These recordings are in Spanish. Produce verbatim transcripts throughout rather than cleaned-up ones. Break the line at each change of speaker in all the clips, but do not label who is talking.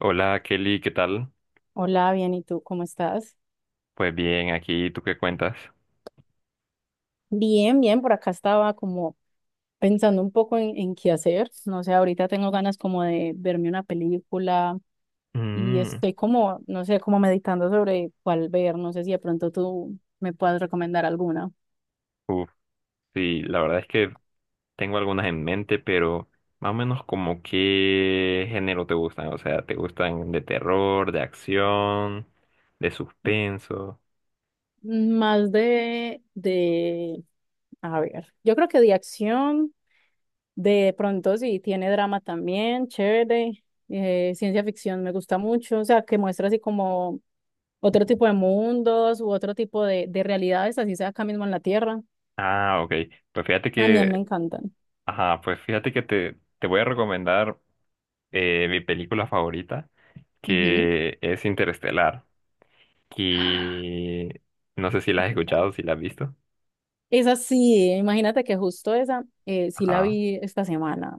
Hola Kelly, ¿qué tal?
Hola, bien, ¿y tú cómo estás?
Pues bien, aquí, ¿tú qué cuentas?
Bien, bien, por acá estaba como pensando un poco en, en qué hacer. No sé, ahorita tengo ganas como de verme una película y
Mm,
estoy como, no sé, como meditando sobre cuál ver. No sé si de pronto tú me puedas recomendar alguna.
uf, sí, la verdad es que tengo algunas en mente, pero más o menos como qué género te gustan, o sea, ¿te gustan de terror, de acción, de suspenso?
Más de, de, a ver, yo creo que de acción, de pronto sí, tiene drama también, chévere. Eh, ciencia ficción me gusta mucho, o sea, que muestra así como otro tipo de mundos u otro tipo de, de realidades, así sea acá mismo en la Tierra.
Ah, ok, pues fíjate
También me
que,
encantan.
ajá, pues fíjate que te, te voy a recomendar eh, mi película favorita,
Ujú.
que es Interestelar, y no sé si la
Me
has
encanta.
escuchado, si la has visto.
Esa sí, imagínate que justo esa, eh, sí la
Ajá.
vi esta semana,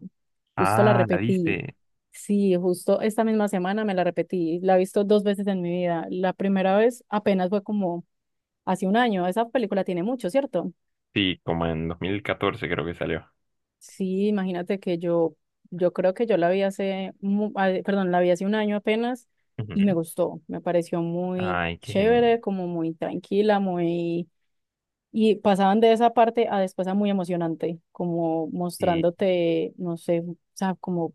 justo la
Ah, la
repetí.
viste.
Sí, justo esta misma semana me la repetí, la he visto dos veces en mi vida. La primera vez apenas fue como hace un año, esa película tiene mucho, ¿cierto?
Sí, como en dos mil catorce creo que salió.
Sí, imagínate que yo, yo creo que yo la vi hace, mu- ah, perdón, la vi hace un año apenas y
Ujú.
me gustó, me pareció muy
Ay, qué genial.
chévere, como muy tranquila, muy... Y pasaban de esa parte a después a muy emocionante, como
Sí,
mostrándote, no sé, o sea, como,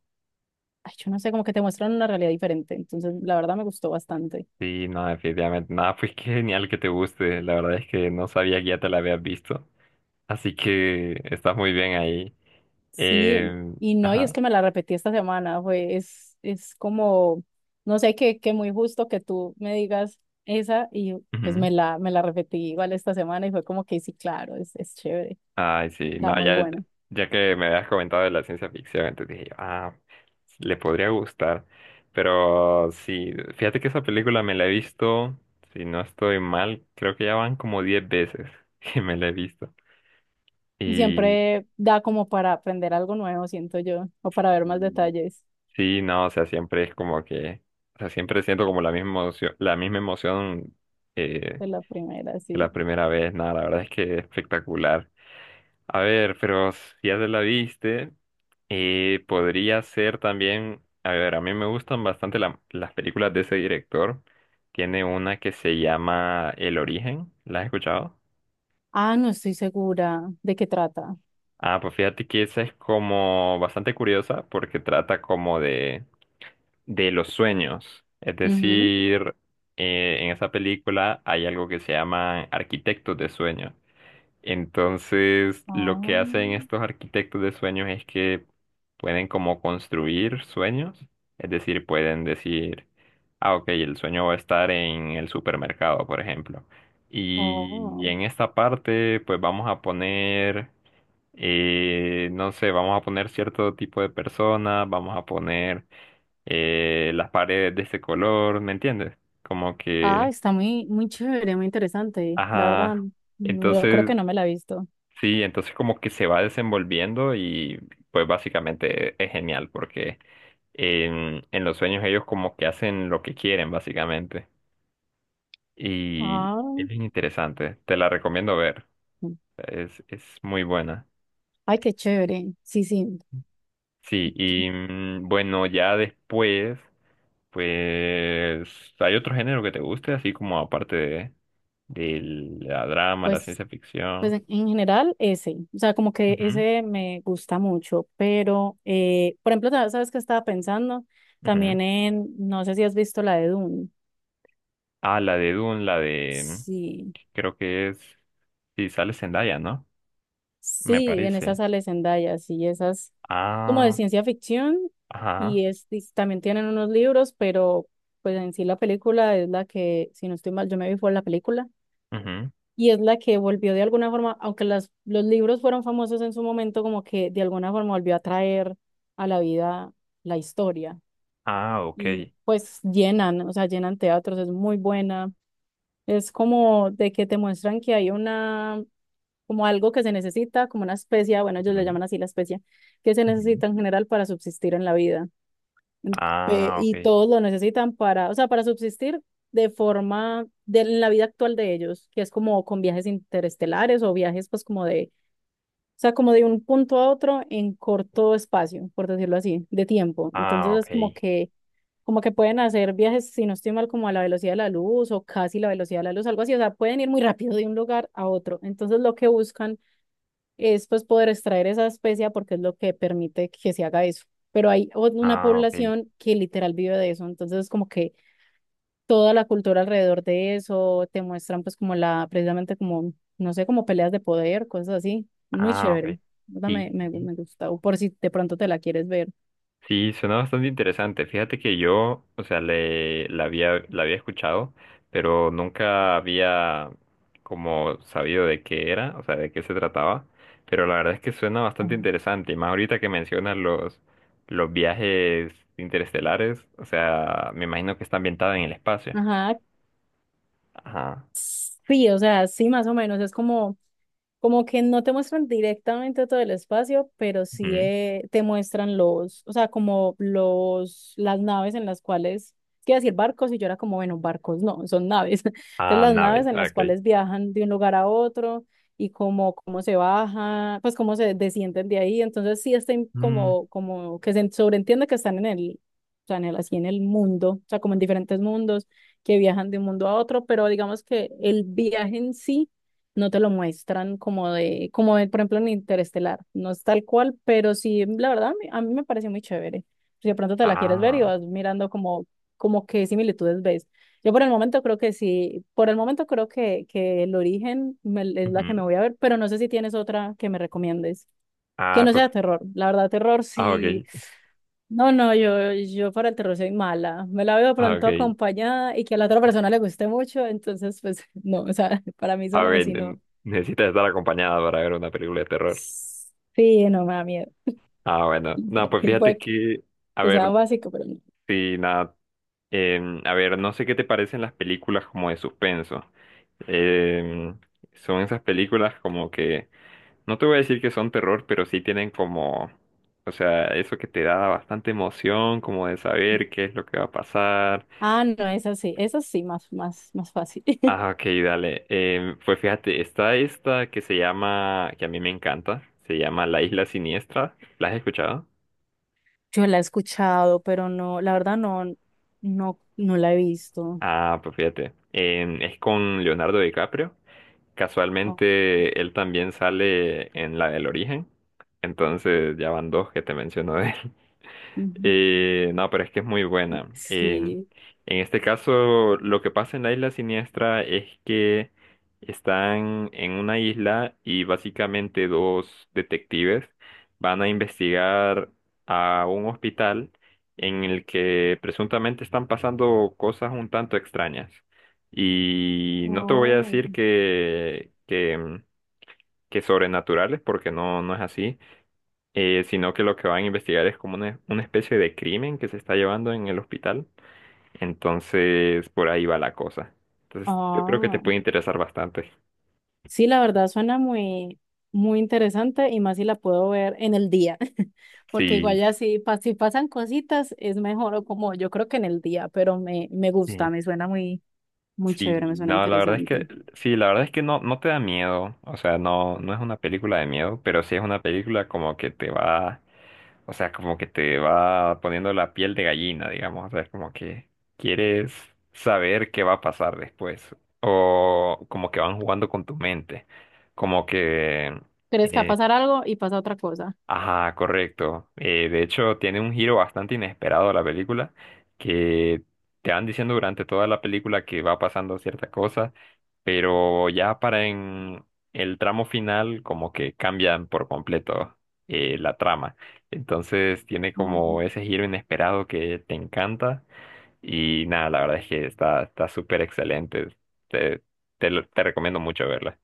ay, yo no sé, como que te muestran una realidad diferente. Entonces, la verdad me gustó bastante.
sí, no, definitivamente. Nada, pues qué genial que te guste. La verdad es que no sabía que ya te la habías visto. Así que estás muy bien ahí.
Sí,
Eh,
y no, y es
ajá.
que me la repetí esta semana, fue, es, es como, no sé, que, que muy justo que tú me digas esa y pues
Ujú.
me la, me la repetí igual esta semana y fue como que sí, claro, es, es chévere,
Ay, sí,
está
no,
muy
ya,
buena.
ya que me habías comentado de la ciencia ficción, entonces dije, ah, le podría gustar. Pero sí, fíjate que esa película me la he visto, si no estoy mal, creo que ya van como diez veces que me la he visto.
Y
Y,
siempre da como para aprender algo nuevo, siento yo, o para ver más
y
detalles
sí, no, o sea, siempre es como que, o sea, siempre siento como la misma emoción, la misma emoción eh,
de la primera,
que
sí.
la primera vez. Nada, la verdad es que es espectacular. A ver, pero si ya se la viste, eh, podría ser también, a ver, a mí me gustan bastante la- las películas de ese director. Tiene una que se llama El Origen, ¿la has escuchado?
Ah, no estoy segura de qué trata.
Ah, pues fíjate que esa es como bastante curiosa porque trata como de, de los sueños. Es
Ujú.
decir, eh, en esa película hay algo que se llama arquitectos de sueños. Entonces, lo que
Oh,
hacen estos arquitectos de sueños es que pueden como construir sueños, es decir, pueden decir, ah, ok, el sueño va a estar en el supermercado, por ejemplo. Y, y
oh.
en esta parte, pues vamos a poner, eh, no sé, vamos a poner cierto tipo de personas, vamos a poner eh, las paredes de ese color, ¿me entiendes? Como
Ah,
que,
está muy, muy chévere, muy interesante, la
ajá.
verdad. Mm, yo creo
Entonces,
que no me la he visto.
sí, entonces como que se va desenvolviendo y pues básicamente es genial porque en, en los sueños ellos como que hacen lo que quieren básicamente y es
Ah,
bien interesante, te la recomiendo ver, es, es muy buena.
ay, qué chévere. Sí, sí.
Sí, y mm, bueno, ya después pues hay otro género que te guste, así como aparte de, de la drama, la
Pues,
ciencia
pues
ficción.
en en general ese. O sea, como que
Ujú,
ese me gusta mucho. Pero, eh, por ejemplo, ta- ¿sabes qué estaba pensando?
ujú.
También en, no sé si has visto la de Dune.
Ah, la de Dune, la de mm,
Sí.
creo que es. Sí, sale Zendaya, ¿no? Me
Sí, en esa
parece.
sale Zendaya, sí, esas como de
Ah,
ciencia ficción
ajá.
y, es, y también tienen unos libros, pero pues en sí la película es la que, si no estoy mal, yo me vi fue la película
Ujú.
y es la que volvió de alguna forma, aunque las, los libros fueron famosos en su momento, como que de alguna forma volvió a traer a la vida la historia
Ah,
y
ok.
pues llenan, o sea, llenan teatros, es muy buena, es como de que te muestran que hay una como algo que se necesita, como una especia, bueno, ellos le
Ujú,
llaman así la especia, que se
ujú.
necesita en general para subsistir en la vida. Eh,
Ah,
y
ok.
todos lo necesitan para, o sea, para subsistir de forma, de, en la vida actual de ellos, que es como con viajes interestelares o viajes pues como de, o sea, como de un punto a otro en corto espacio, por decirlo así, de tiempo.
Ah,
Entonces
ok.
es como que como que pueden hacer viajes, si no estoy mal, como a la velocidad de la luz o casi la velocidad de la luz, algo así, o sea, pueden ir muy rápido de un lugar a otro. Entonces, lo que buscan es pues poder extraer esa especia porque es lo que permite que se haga eso. Pero hay una
Ah, ok.
población que literal vive de eso, entonces es como que toda la cultura alrededor de eso te muestran pues como la, precisamente como, no sé, como peleas de poder, cosas así. Muy
Ah,
chévere.
ok.
Esa Me,
Sí.
me, me gusta, o por si de pronto te la quieres ver.
Sí, suena bastante interesante. Fíjate que yo, o sea, le, la había, la había escuchado, pero nunca había como sabido de qué era, o sea, de qué se trataba. Pero la verdad es que suena
Ah,
bastante interesante. Y más ahorita que mencionas los, los viajes interestelares, o sea, me imagino que está ambientada en el espacio.
ajá,
Ajá.
sí, o sea, sí, más o menos, es como como que no te muestran directamente todo el espacio, pero sí
Ujú.
eh, te muestran los, o sea, como los, las naves en las cuales, quiero decir barcos, y yo era como, bueno, barcos no, son naves. Entonces
Ah,
las
naves,
naves en
ah,
las
ok.
cuales viajan de un lugar a otro y como cómo se baja, pues cómo se descienden de ahí. Entonces sí estén
Mm,
como, como que se sobreentiende que están en el, o sea, en el, así en el mundo, o sea, como en diferentes mundos que viajan de un mundo a otro, pero digamos que el viaje en sí no te lo muestran como de, como de, por ejemplo, en Interestelar. No es tal cual, pero sí, la verdad, a mí, a mí me pareció muy chévere. Si de pronto te la quieres ver y
ah,
vas mirando como, como qué similitudes ves. Yo por el momento creo que sí, por el momento creo que, que el origen me- es la que me
ujú.
voy a ver, pero no sé si tienes otra que me recomiendes. Que
Ah,
no
pues,
sea terror. La verdad, terror
ah,
sí.
ok,
No, no, yo, yo para el terror soy mala. Me la veo
ah,
pronto
ok.
acompañada y que a la otra persona le guste mucho, entonces, pues, no, o sea, para mí
A
sola
ver,
así no.
ne- necesitas estar acompañada para ver una película de terror.
Sí, no me da miedo.
Ah, bueno. No, pues
Y
fíjate
puede que
que, a
que sea
ver,
básico, pero no.
sí, nada. Em, a ver, no sé qué te parecen las películas como de suspenso. Em, son esas películas como que, no te voy a decir que son terror, pero sí tienen como, o sea, eso que te da bastante emoción, como de saber qué es lo que va a pasar.
Ah, no, es así, es así, más, más, más fácil.
Ah, ok, dale. Em, pues fíjate, está esta que se llama, que a mí me encanta, se llama La Isla Siniestra. ¿La has escuchado?
Yo la he escuchado, pero no, la verdad no, no, no la he visto.
Ah, pues fíjate, en- es con Leonardo DiCaprio.
Oh,
Casualmente él también sale en la del origen, entonces ya van dos que te menciono de él.
ujú.
Eh, no, pero es que es muy buena. Eh, en
Sí.
este caso, lo que pasa en la isla siniestra es que están en una isla y básicamente dos detectives van a investigar a un hospital en el que presuntamente están pasando cosas un tanto extrañas. Y no te voy a
Oh,
decir que, que, que sobrenaturales, porque no, no es así eh, sino que lo que van a investigar es como una, una especie de crimen que se está llevando en el hospital. Entonces, por ahí va la cosa. Entonces, yo creo que te
ah.
puede interesar bastante.
Sí, la verdad suena muy, muy interesante y más si la puedo ver en el día, porque igual
Sí,
ya si, pa- si pasan cositas es mejor o como yo creo que en el día, pero me, me
sí,
gusta, me suena muy, muy chévere,
sí,
me suena
no, la verdad es que,
interesante.
sí, la verdad es que no, no te da miedo, o sea, no, no es una película de miedo, pero sí es una película como que te va. O sea, como que te va poniendo la piel de gallina, digamos. O sea, es como que quieres saber qué va a pasar después. O como que van jugando con tu mente. Como que
¿Crees que va a
eh,
pasar algo y pasa otra cosa?
ajá, correcto. Eh, de hecho, tiene un giro bastante inesperado la película, que te van diciendo durante toda la película que va pasando cierta cosa, pero ya para en el tramo final como que cambian por completo eh, la trama. Entonces tiene como ese
Mm.
giro inesperado que te encanta y nada, la verdad es que está está súper excelente. Te, te, lo- te recomiendo mucho verla.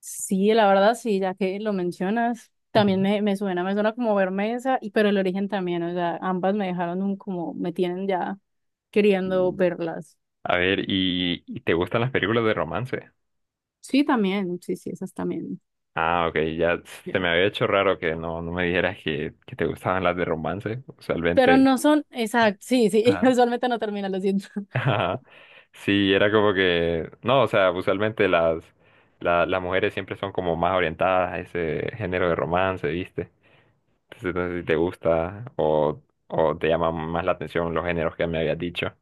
Sí, la verdad sí, ya que lo mencionas,
Ujú.
también me, me suena, me suena como Bermesa, y, pero el origen también, o sea, ambas me dejaron un como, me tienen ya queriendo
Y-
verlas.
A ver, ¿y, y te gustan las películas de romance?
Sí, también, sí, sí, esas también.
Ah, ok, ya se me
Bien.
había hecho raro que no, no me dijeras que, que te gustaban las de romance.
Pero
Usualmente,
no son, exacto, sí, sí,
ajá.
usualmente no termina, lo siento.
Ajá, sí, era como que, no, o sea, usualmente las, la- las mujeres siempre son como más orientadas a ese género de romance, ¿viste? Entonces, no sé si te gusta o, o te llaman más la atención los géneros que me habías dicho.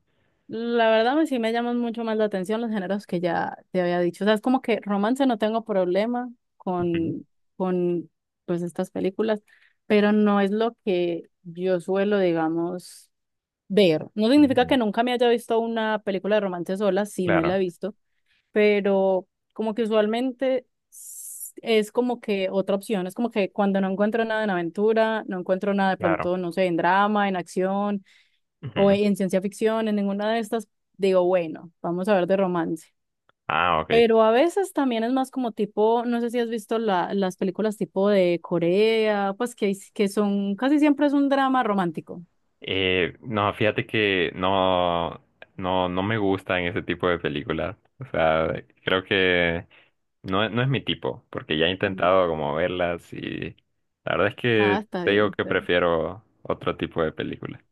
La verdad, me- sí me llaman mucho más la atención los géneros que ya te había dicho. O sea, es como que romance no tengo problema
Ujú,
con, con pues estas películas, pero no es lo que yo suelo, digamos, ver. No significa
ujú.
que nunca me haya visto una película de romance sola, sí me la
Claro,
he visto, pero como que usualmente s- es como que otra opción. Es como que cuando no encuentro nada en aventura, no encuentro nada de
claro.
pronto, no sé, en drama, en acción o
Ujú.
en ciencia ficción, en ninguna de estas, digo, bueno, vamos a ver de romance.
Ah, ok.
Pero a veces también es más como tipo, no sé si has visto la, las películas tipo de Corea, pues que, que son, casi siempre es un drama romántico.
Eh, no, fíjate que no, no, no me gustan ese tipo de películas. O sea, creo que no, no es mi tipo, porque ya he
Mm.
intentado como verlas y la verdad es
Ah,
que
está
te digo
bien,
que
está bien.
prefiero otro tipo de películas.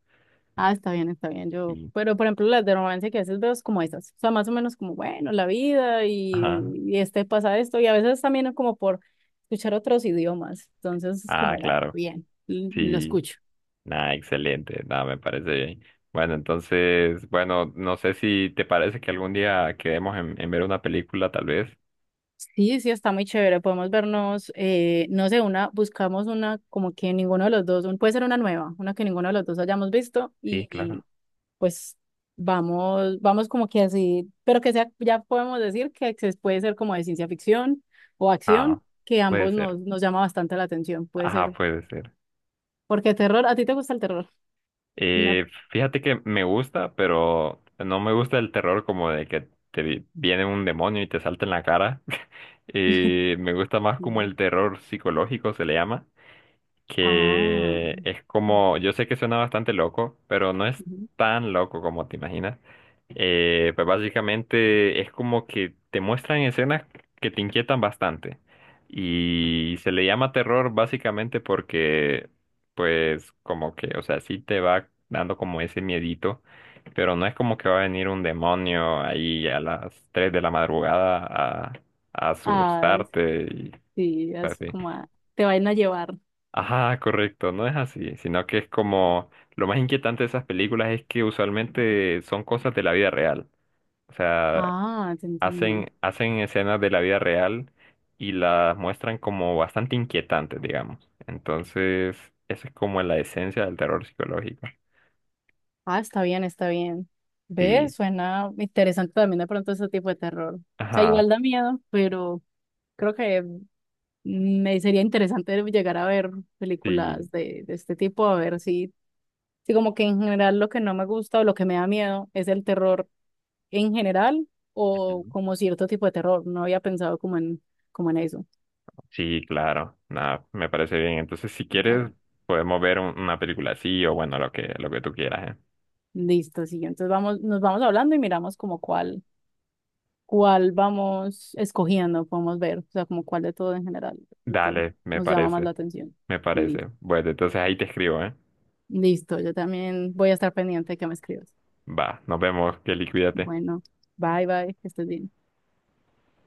Ah, está bien, está bien. Yo,
Sí.
pero por ejemplo, las de romance que a veces veo es como esas. O sea, más o menos como, bueno, la vida y,
Ajá.
y este pasa esto. Y a veces también es como por escuchar otros idiomas. Entonces es
Ah,
como, bueno,
claro.
bien, l- lo
Sí.
escucho.
Nada, excelente. Nada, me parece bien. Bueno, entonces, bueno, no sé si te parece que algún día quedemos en, en ver una película, tal vez.
Sí, sí, está muy chévere. Podemos vernos, eh, no sé, una, buscamos una como que ninguno de los dos, un- puede ser una nueva, una que ninguno de los dos hayamos visto
Sí,
y,
claro.
y, pues vamos, vamos como que así, pero que sea, ya podemos decir que se puede ser como de ciencia ficción o acción,
Ah,
que
puede
ambos
ser.
nos, nos llama bastante la atención, puede
Ajá,
ser,
puede ser.
porque terror, ¿a ti te gusta el terror? No.
Y fíjate que me gusta, pero no me gusta el terror como de que te vi- viene un demonio y te salta en la cara. Y me gusta más como el terror psicológico se le llama,
Ah,
que es como, yo sé que suena bastante loco, pero no es
ujú.
tan loco como te imaginas. Eh, pues básicamente es como que te muestran escenas que te inquietan bastante. Y se le llama terror básicamente porque, pues, como que, o sea, sí te va dando como ese miedito, pero no es como que va a venir un demonio ahí a las tres de la madrugada a, a
Ah,
asustarte y
sí, es
así.
como, a- te van a llevar.
Ajá, correcto, no es así, sino que es como lo más inquietante de esas películas es que usualmente son cosas de la vida real, o sea,
Ah, te entiendo.
hacen, hacen escenas de la vida real y las muestran como bastante inquietantes, digamos. Entonces, eso es como la esencia del terror psicológico.
Ah, está bien, está bien.
Sí,
¿Ves? Suena interesante también de pronto ese tipo de terror. O sea,
ajá,
igual da miedo, pero creo que me sería interesante llegar a ver
sí,
películas de, de este tipo, a ver si, si como que en general lo que no me gusta o lo que me da miedo es el terror en general o
ujú.
como cierto tipo de terror. No había pensado como en, como en eso.
Sí, claro, nada, me parece bien. Entonces, si quieres,
Vale.
podemos ver un- una película así o bueno, lo que, lo que tú quieras, ¿eh?
Listo, sí. Entonces vamos, nos vamos hablando y miramos como cuál. Cuál vamos escogiendo, podemos ver, o sea, como cuál de todo en general de todo,
Dale, me
nos llama más
parece.
la atención.
Me
Listo.
parece. Bueno, entonces ahí te escribo, ¿eh?
Listo, yo también voy a estar pendiente de que me escribas.
Va, nos vemos, Kelly, cuídate.
Bueno, bye bye, que estés bien.